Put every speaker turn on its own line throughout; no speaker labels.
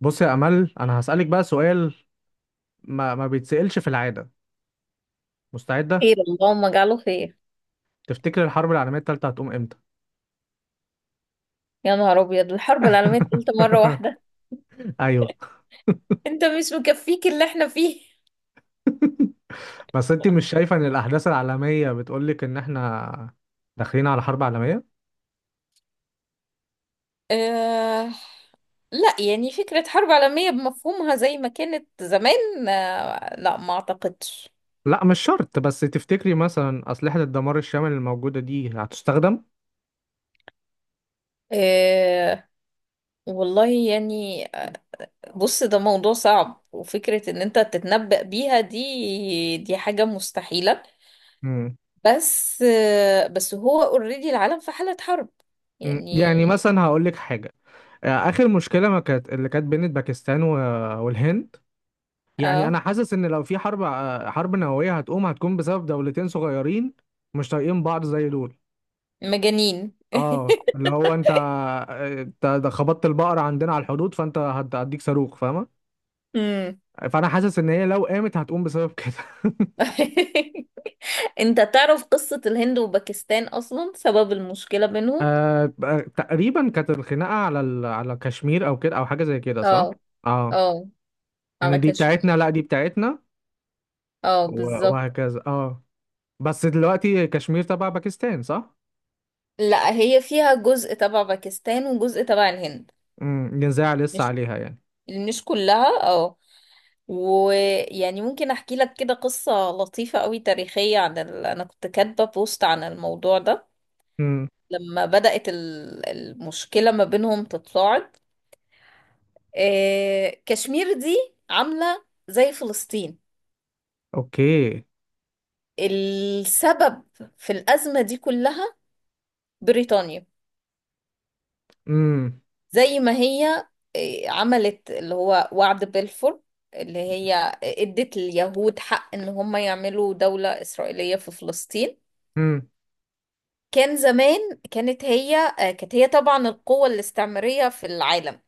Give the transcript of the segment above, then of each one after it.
بص يا امل، انا هسالك بقى سؤال. ما بيتسالش في العاده. مستعده؟
خير اللهم اجعله خير.
تفتكر الحرب العالميه الثالثه هتقوم امتى؟
يا نهار ابيض، الحرب العالميه الثالثه مره واحده!
ايوه.
انت مش مكفيك اللي احنا فيه؟
بس انت مش شايفه ان الاحداث العالميه بتقولك ان احنا داخلين على حرب عالميه؟
آه لا يعني فكره حرب عالميه بمفهومها زي ما كانت زمان، لا ما اعتقدش.
لا مش شرط، بس تفتكري مثلا اسلحه الدمار الشامل الموجوده دي هتستخدم؟
آه والله يعني آه، بص، ده موضوع صعب، وفكره ان انت تتنبأ بيها دي حاجه مستحيله.
مم.
بس هو اوريدي العالم في حاله حرب
مم.
يعني.
يعني مثلا هقولك حاجه. اخر مشكله ما كانت اللي كانت بين باكستان والهند، يعني انا
اه
حاسس ان لو في حرب، حرب نوويه هتقوم، هتكون بسبب دولتين صغيرين مش طايقين بعض زي دول.
مجانين.
اه، اللي هو انت، انت ده خبطت البقره عندنا على الحدود، فانت هديك صاروخ، فاهمه؟
امم
فانا حاسس ان هي لو قامت هتقوم بسبب كده.
انت تعرف قصة الهند وباكستان اصلا سبب المشكلة بينهم؟
تقريبا كانت الخناقه على كشمير او كده او حاجه زي كده، صح؟
اه.
اه.
اه،
انا
على
دي
كشمير.
بتاعتنا، لا دي بتاعتنا.
اه بالظبط.
وهكذا، اه. بس دلوقتي كشمير تبع باكستان، صح؟
لا هي فيها جزء تبع باكستان وجزء تبع الهند.
امم، نزاع لسه
مش
عليها يعني.
مش كلها اه. ويعني ممكن احكي لك كده قصة لطيفة قوي تاريخية عن انا كنت كاتبة بوست عن الموضوع ده.
امم.
لما بدأت المشكلة ما بينهم تتصاعد، كشمير دي عاملة زي فلسطين.
اوكي.
السبب في الأزمة دي كلها بريطانيا.
امم.
زي ما هي عملت اللي هو وعد بلفور، اللي هي ادت اليهود حق ان هم يعملوا دولة إسرائيلية في فلسطين.
امم.
كان زمان كانت هي كانت هي طبعا القوة الاستعمارية في العالم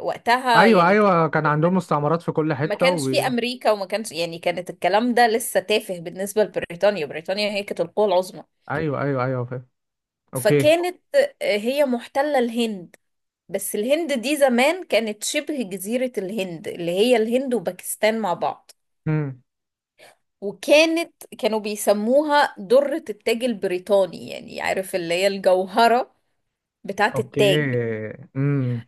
وقتها،
ايوه
يعني
ايوه، كان عندهم مستعمرات في كل
ما
حته
كانش في أمريكا وما كانش، يعني كانت الكلام ده لسه تافه بالنسبة لبريطانيا. بريطانيا هي كانت القوة العظمى.
ايوه ايوه ايوه، فاهم. اوكي.
فكانت هي محتلة الهند، بس الهند دي زمان كانت شبه جزيرة الهند اللي هي الهند وباكستان مع بعض.
امم.
وكانت كانوا بيسموها درة التاج البريطاني، يعني عارف اللي هي الجوهرة بتاعة
اوكي.
التاج.
امم.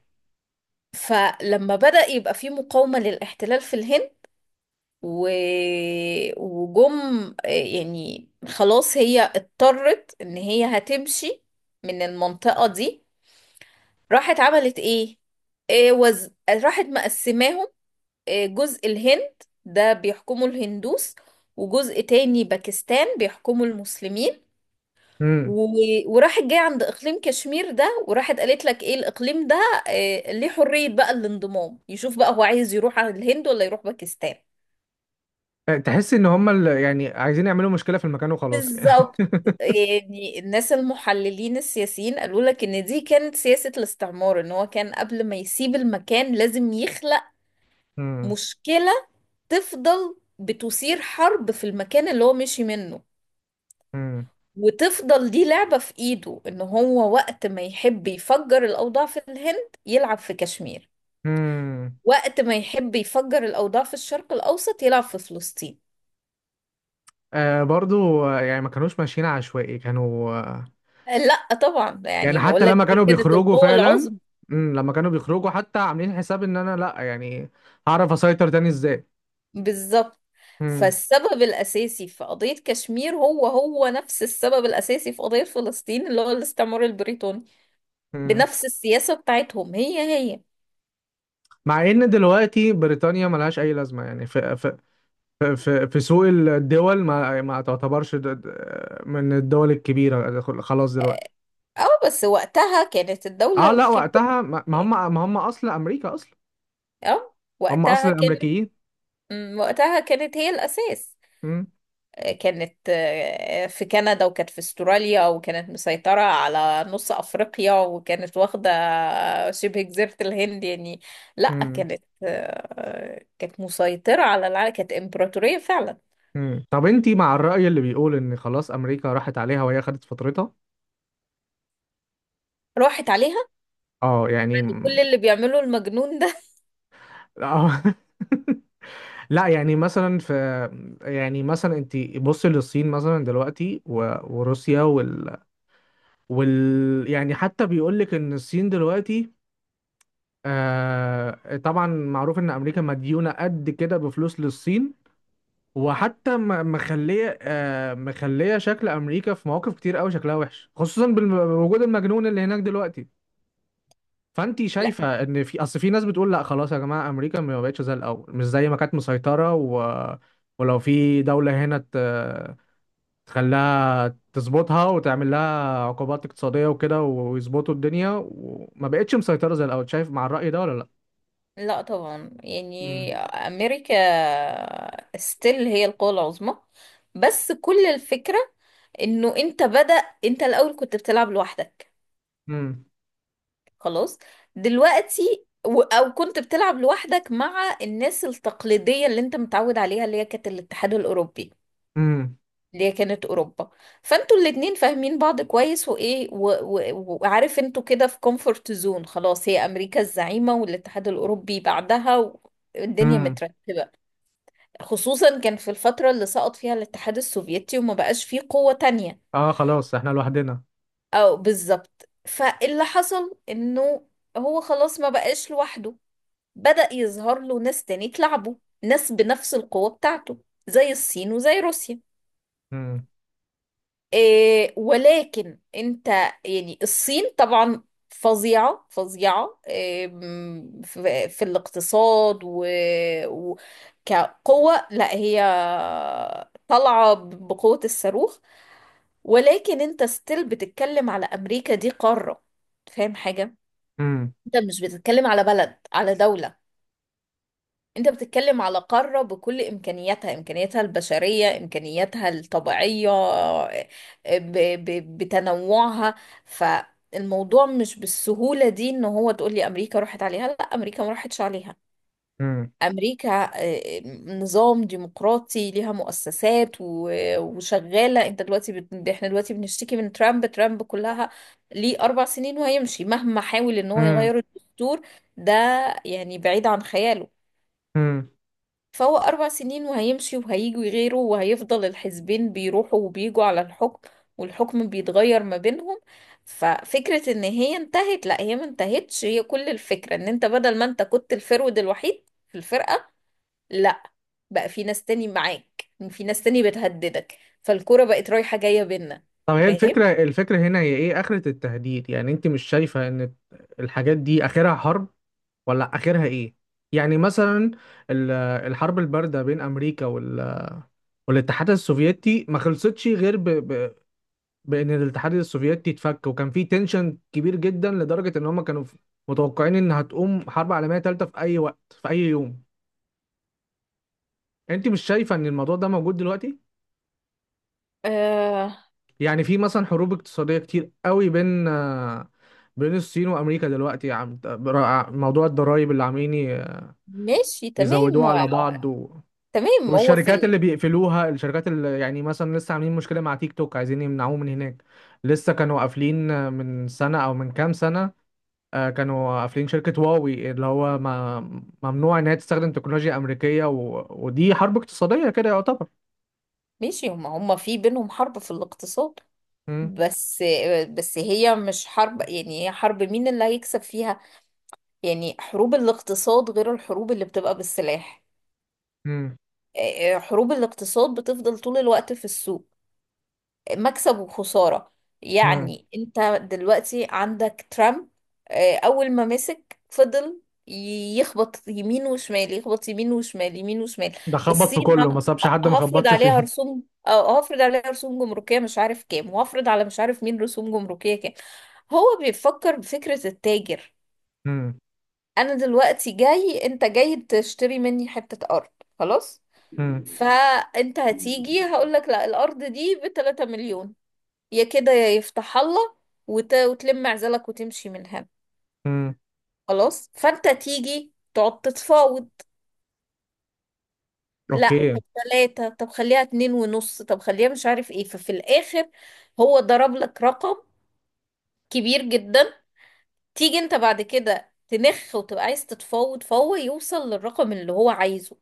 فلما بدأ يبقى في مقاومة للاحتلال في الهند و... وجم آه، يعني خلاص هي اضطرت ان هي هتمشي من المنطقة دي. راحت عملت ايه؟ راحت مقسماهم، جزء الهند ده بيحكمه الهندوس، وجزء تاني باكستان بيحكمه المسلمين.
امم.
و- وراحت جاية عند إقليم كشمير ده وراحت قالت لك إيه الإقليم ده ليه حرية بقى الانضمام، يشوف بقى هو عايز يروح على الهند ولا يروح باكستان.
تحس ان هم، يعني عايزين يعملوا مشكله في المكان وخلاص يعني.
بالظبط. يعني الناس المحللين السياسيين قالوا لك ان دي كانت سياسة الاستعمار، ان هو كان قبل ما يسيب المكان لازم يخلق
امم.
مشكلة، تفضل بتثير حرب في المكان اللي هو مشي منه،
امم.
وتفضل دي لعبة في ايده ان هو وقت ما يحب يفجر الاوضاع في الهند يلعب في كشمير،
امم.
وقت ما يحب يفجر الاوضاع في الشرق الاوسط يلعب في فلسطين.
آه برضو، يعني ما كانوش ماشيين عشوائي، كانوا
لا طبعا،
يعني
يعني بقول
حتى
لك
لما
دي
كانوا
كانت
بيخرجوا
القوة
فعلا.
العظمى.
لما كانوا بيخرجوا حتى عاملين حساب ان انا، لا يعني، هعرف اسيطر تاني ازاي.
بالظبط.
امم.
فالسبب الاساسي في قضية كشمير هو هو نفس السبب الاساسي في قضية فلسطين، اللي هو الاستعمار البريطاني،
امم.
بنفس السياسة بتاعتهم هي هي.
مع ان دلوقتي بريطانيا ملهاش اي لازمه، يعني في سوق الدول، ما تعتبرش من الدول الكبيره خلاص دلوقتي.
اه، بس وقتها كانت الدولة
اه لا،
الكبيرة،
وقتها ما ما هم
يعني
ما هم اصل امريكا اصلا،
اه
هم اصل
وقتها كانت،
الامريكيين.
وقتها كانت هي الأساس.
مم.
كانت في كندا، وكانت في استراليا، وكانت مسيطرة على نص أفريقيا، وكانت واخدة شبه جزيرة الهند، يعني لا
مم.
كانت كانت مسيطرة على العالم، كانت إمبراطورية فعلا.
مم. طب انتي مع الرأي اللي بيقول ان خلاص امريكا راحت عليها وهي خدت فترتها؟
راحت عليها
اه يعني.
كل اللي بيعمله المجنون ده.
اه. لا يعني مثلا في، يعني مثلا انت بصي للصين مثلا دلوقتي وروسيا. يعني حتى بيقول لك ان الصين دلوقتي، آه طبعا معروف ان امريكا مديونه قد كده بفلوس للصين. وحتى مخليه شكل امريكا في مواقف كتير قوي شكلها وحش، خصوصا بوجود المجنون اللي هناك دلوقتي. فانت
لا
شايفه ان في اصل في ناس بتقول لا خلاص يا جماعه امريكا ما بقتش زي الاول، مش زي ما كانت مسيطره ولو في دوله هنا تخليها تظبطها وتعمل لها عقوبات اقتصادية وكده ويظبطوا الدنيا، وما بقتش مسيطرة زي الأول، شايف مع الرأي ده ولا لأ؟
لا طبعا، يعني
مم.
أمريكا ستيل هي القوة العظمى. بس كل الفكرة انه انت بدأ، انت الاول كنت بتلعب لوحدك
مم.
خلاص. او كنت بتلعب لوحدك مع الناس التقليدية اللي انت متعود عليها، اللي هي كانت الاتحاد الاوروبي،
مم.
اللي هي كانت اوروبا. فانتوا الاتنين فاهمين بعض كويس، وعارف انتوا كده في كومفورت زون، خلاص هي امريكا الزعيمة والاتحاد الاوروبي بعدها الدنيا
مم.
مترتبة. خصوصا كان في الفترة اللي سقط فيها الاتحاد السوفيتي وما بقاش فيه قوة تانية.
اه خلاص احنا لوحدنا.
او بالظبط، فاللي حصل انه هو خلاص ما بقاش لوحده، بدأ يظهر له ناس تاني تلعبه، ناس بنفس القوة بتاعته، زي الصين وزي روسيا.
مم.
إيه ولكن انت، يعني الصين طبعا فظيعة فظيعة، في الاقتصاد و... كقوة، لا هي طالعة بقوة الصاروخ. ولكن انت ستيل بتتكلم على أمريكا، دي قارة، فاهم حاجة؟
مم.
انت مش بتتكلم على بلد، على دولة، انت بتتكلم على قارة بكل امكانياتها، امكانياتها البشرية، امكانياتها الطبيعية، آه، ب ب بتنوعها فالموضوع مش بالسهولة دي ان هو تقولي امريكا راحت عليها. لا امريكا ما راحتش عليها.
مم.
امريكا نظام ديمقراطي، ليها مؤسسات وشغالة. احنا دلوقتي بنشتكي من ترامب، كلها ليه 4 سنين وهيمشي، مهما حاول ان هو
مم.
يغير الدستور ده يعني بعيد عن خياله.
مم.
فهو 4 سنين وهيمشي، وهيجوا غيره، وهيفضل الحزبين بيروحوا وبيجوا على الحكم، والحكم بيتغير ما بينهم. ففكرة ان هي انتهت، لا هي ما انتهتش. هي كل الفكرة ان انت بدل ما انت كنت الفرود الوحيد في الفرقة، لا بقى في ناس تاني معاك، في ناس تاني بتهددك، فالكرة بقت رايحة جاية بينا.
طب هي
فاهم؟
الفكرة هنا هي ايه؟ آخرة التهديد، يعني انت مش شايفة ان الحاجات دي آخرها حرب ولا آخرها ايه؟ يعني مثلا ال- الحرب الباردة بين أمريكا والاتحاد السوفيتي ما خلصتش غير بان الاتحاد السوفيتي اتفك. وكان في تنشن كبير جدا لدرجه ان هم كانوا متوقعين ان هتقوم حرب عالميه ثالثه في اي وقت في اي يوم. انت مش شايفه ان الموضوع ده موجود دلوقتي؟
آه
يعني في مثلا حروب اقتصاديه كتير قوي بين، بين الصين وامريكا دلوقتي، موضوع الضرائب اللي عاملين
ماشي تمام
يزودوها
و-
على بعض
تمام
والشركات اللي بيقفلوها، الشركات اللي يعني مثلا لسه عاملين مشكله مع تيك توك عايزين يمنعوه من هناك. لسه كانوا قافلين من سنه او من كام سنه، كانوا قافلين شركة هواوي، اللي هو ما، ممنوع إن هي تستخدم تكنولوجيا أمريكية ودي حرب اقتصادية كده يعتبر.
ماشي، هما هما في بينهم حرب في الاقتصاد.
مم.
بس بس هي مش حرب، يعني هي حرب مين اللي هيكسب فيها. يعني حروب الاقتصاد غير الحروب اللي بتبقى بالسلاح.
مم.
حروب الاقتصاد بتفضل طول الوقت في السوق، مكسب وخسارة.
مم.
يعني انت دلوقتي عندك ترامب، اول ما مسك فضل يخبط يمين وشمال، يخبط يمين وشمال، يمين وشمال.
ده خبط
الصين،
في كله، ما
ه-
سابش حد ما
هفرض
خبطش
عليها
فيه.
رسوم، اه هفرض عليها رسوم جمركية مش عارف كام، وهفرض على مش عارف مين رسوم جمركية كام. هو بيفكر بفكرة التاجر.
مم.
انا دلوقتي جاي، انت جاي تشتري مني حتة ارض خلاص،
مم.
فانت هتيجي هقولك لا الارض دي بتلاتة مليون، يا كده يا يفتح الله وتلم عزلك وتمشي منها
مم.
خلاص. فانت تيجي تقعد تتفاوض، لا
أوكي.
طب 3، طب خليها 2 ونص، طب خليها مش عارف ايه. ففي الاخر هو ضرب لك رقم كبير جدا، تيجي انت بعد كده تنخ وتبقى عايز تتفاوض، فهو يوصل للرقم اللي هو عايزه.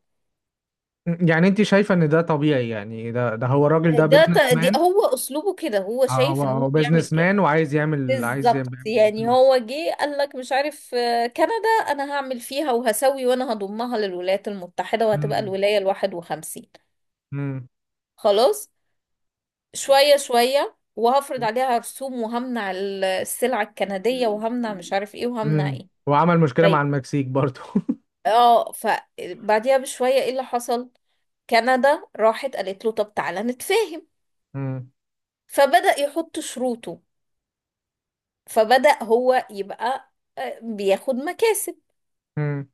يعني أنت شايفة إن ده طبيعي؟ يعني ده هو الراجل ده بيزنس
دي
مان.
هو اسلوبه كده، هو
هو
شايف ان هو
هو
بيعمل
بيزنس
كده.
مان وعايز يعمل عايز
بالظبط،
يعمل يعمل
يعني
فلوس.
هو جه قال لك مش عارف كندا انا هعمل فيها وهسوي، وانا هضمها للولايات المتحدة وهتبقى
مم.
الولاية 51.
مم.
خلاص، شوية شوية وهفرض عليها رسوم، وهمنع السلع الكندية، وهمنع مش عارف ايه، وهمنع ايه.
وعمل مشكلة مع
طيب،
المكسيك برضو.
اه فبعديها بشوية ايه اللي حصل، كندا راحت قالت له طب تعالى نتفاهم،
مم.
فبدأ يحط شروطه، فبدأ هو يبقى بياخد مكاسب.
مم.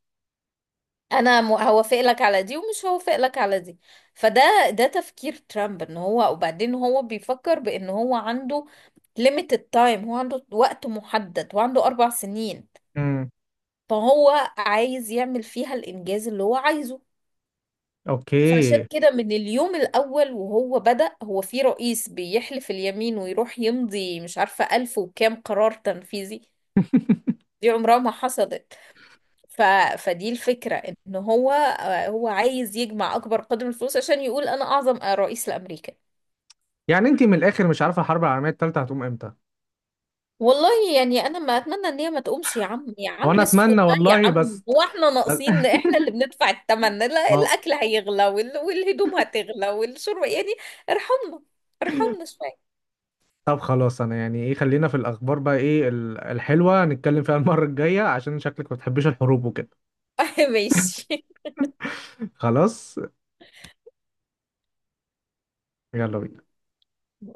هوافق لك على دي ومش هوافق لك على دي. فده ده تفكير ترامب، ان هو وبعدين هو بيفكر بان هو عنده limited time، هو عنده وقت محدد وعنده 4 سنين،
مم.
فهو عايز يعمل فيها الانجاز اللي هو عايزه. فعشان
أوكي.
كده من اليوم الاول وهو بدأ، هو في رئيس بيحلف اليمين ويروح يمضي مش عارفة الف وكام قرار تنفيذي، دي عمرها ما حصلت. ف... فدي الفكرة ان هو هو عايز يجمع اكبر قدر من الفلوس عشان يقول انا اعظم رئيس لامريكا.
يعني انت من الاخر مش عارفه الحرب العالميه الثالثه هتقوم امتى؟
والله يعني انا ما اتمنى ان هي ما تقومش. يا عم يا
هو انا
عم اسكت
اتمنى
بقى يا
والله،
عم،
بس.
هو احنا ناقصين؟ احنا اللي بندفع الثمن، لا
ما هو-
الاكل هيغلى والهدوم هتغلى والشرب يعني. ارحمنا، ارحمنا شوية.
طب خلاص، انا يعني ايه، خلينا في الاخبار بقى، ايه الحلوه نتكلم فيها المره الجايه، عشان شكلك ما بتحبيش الحروب وكده.
ماشي.
خلاص. يلا بينا.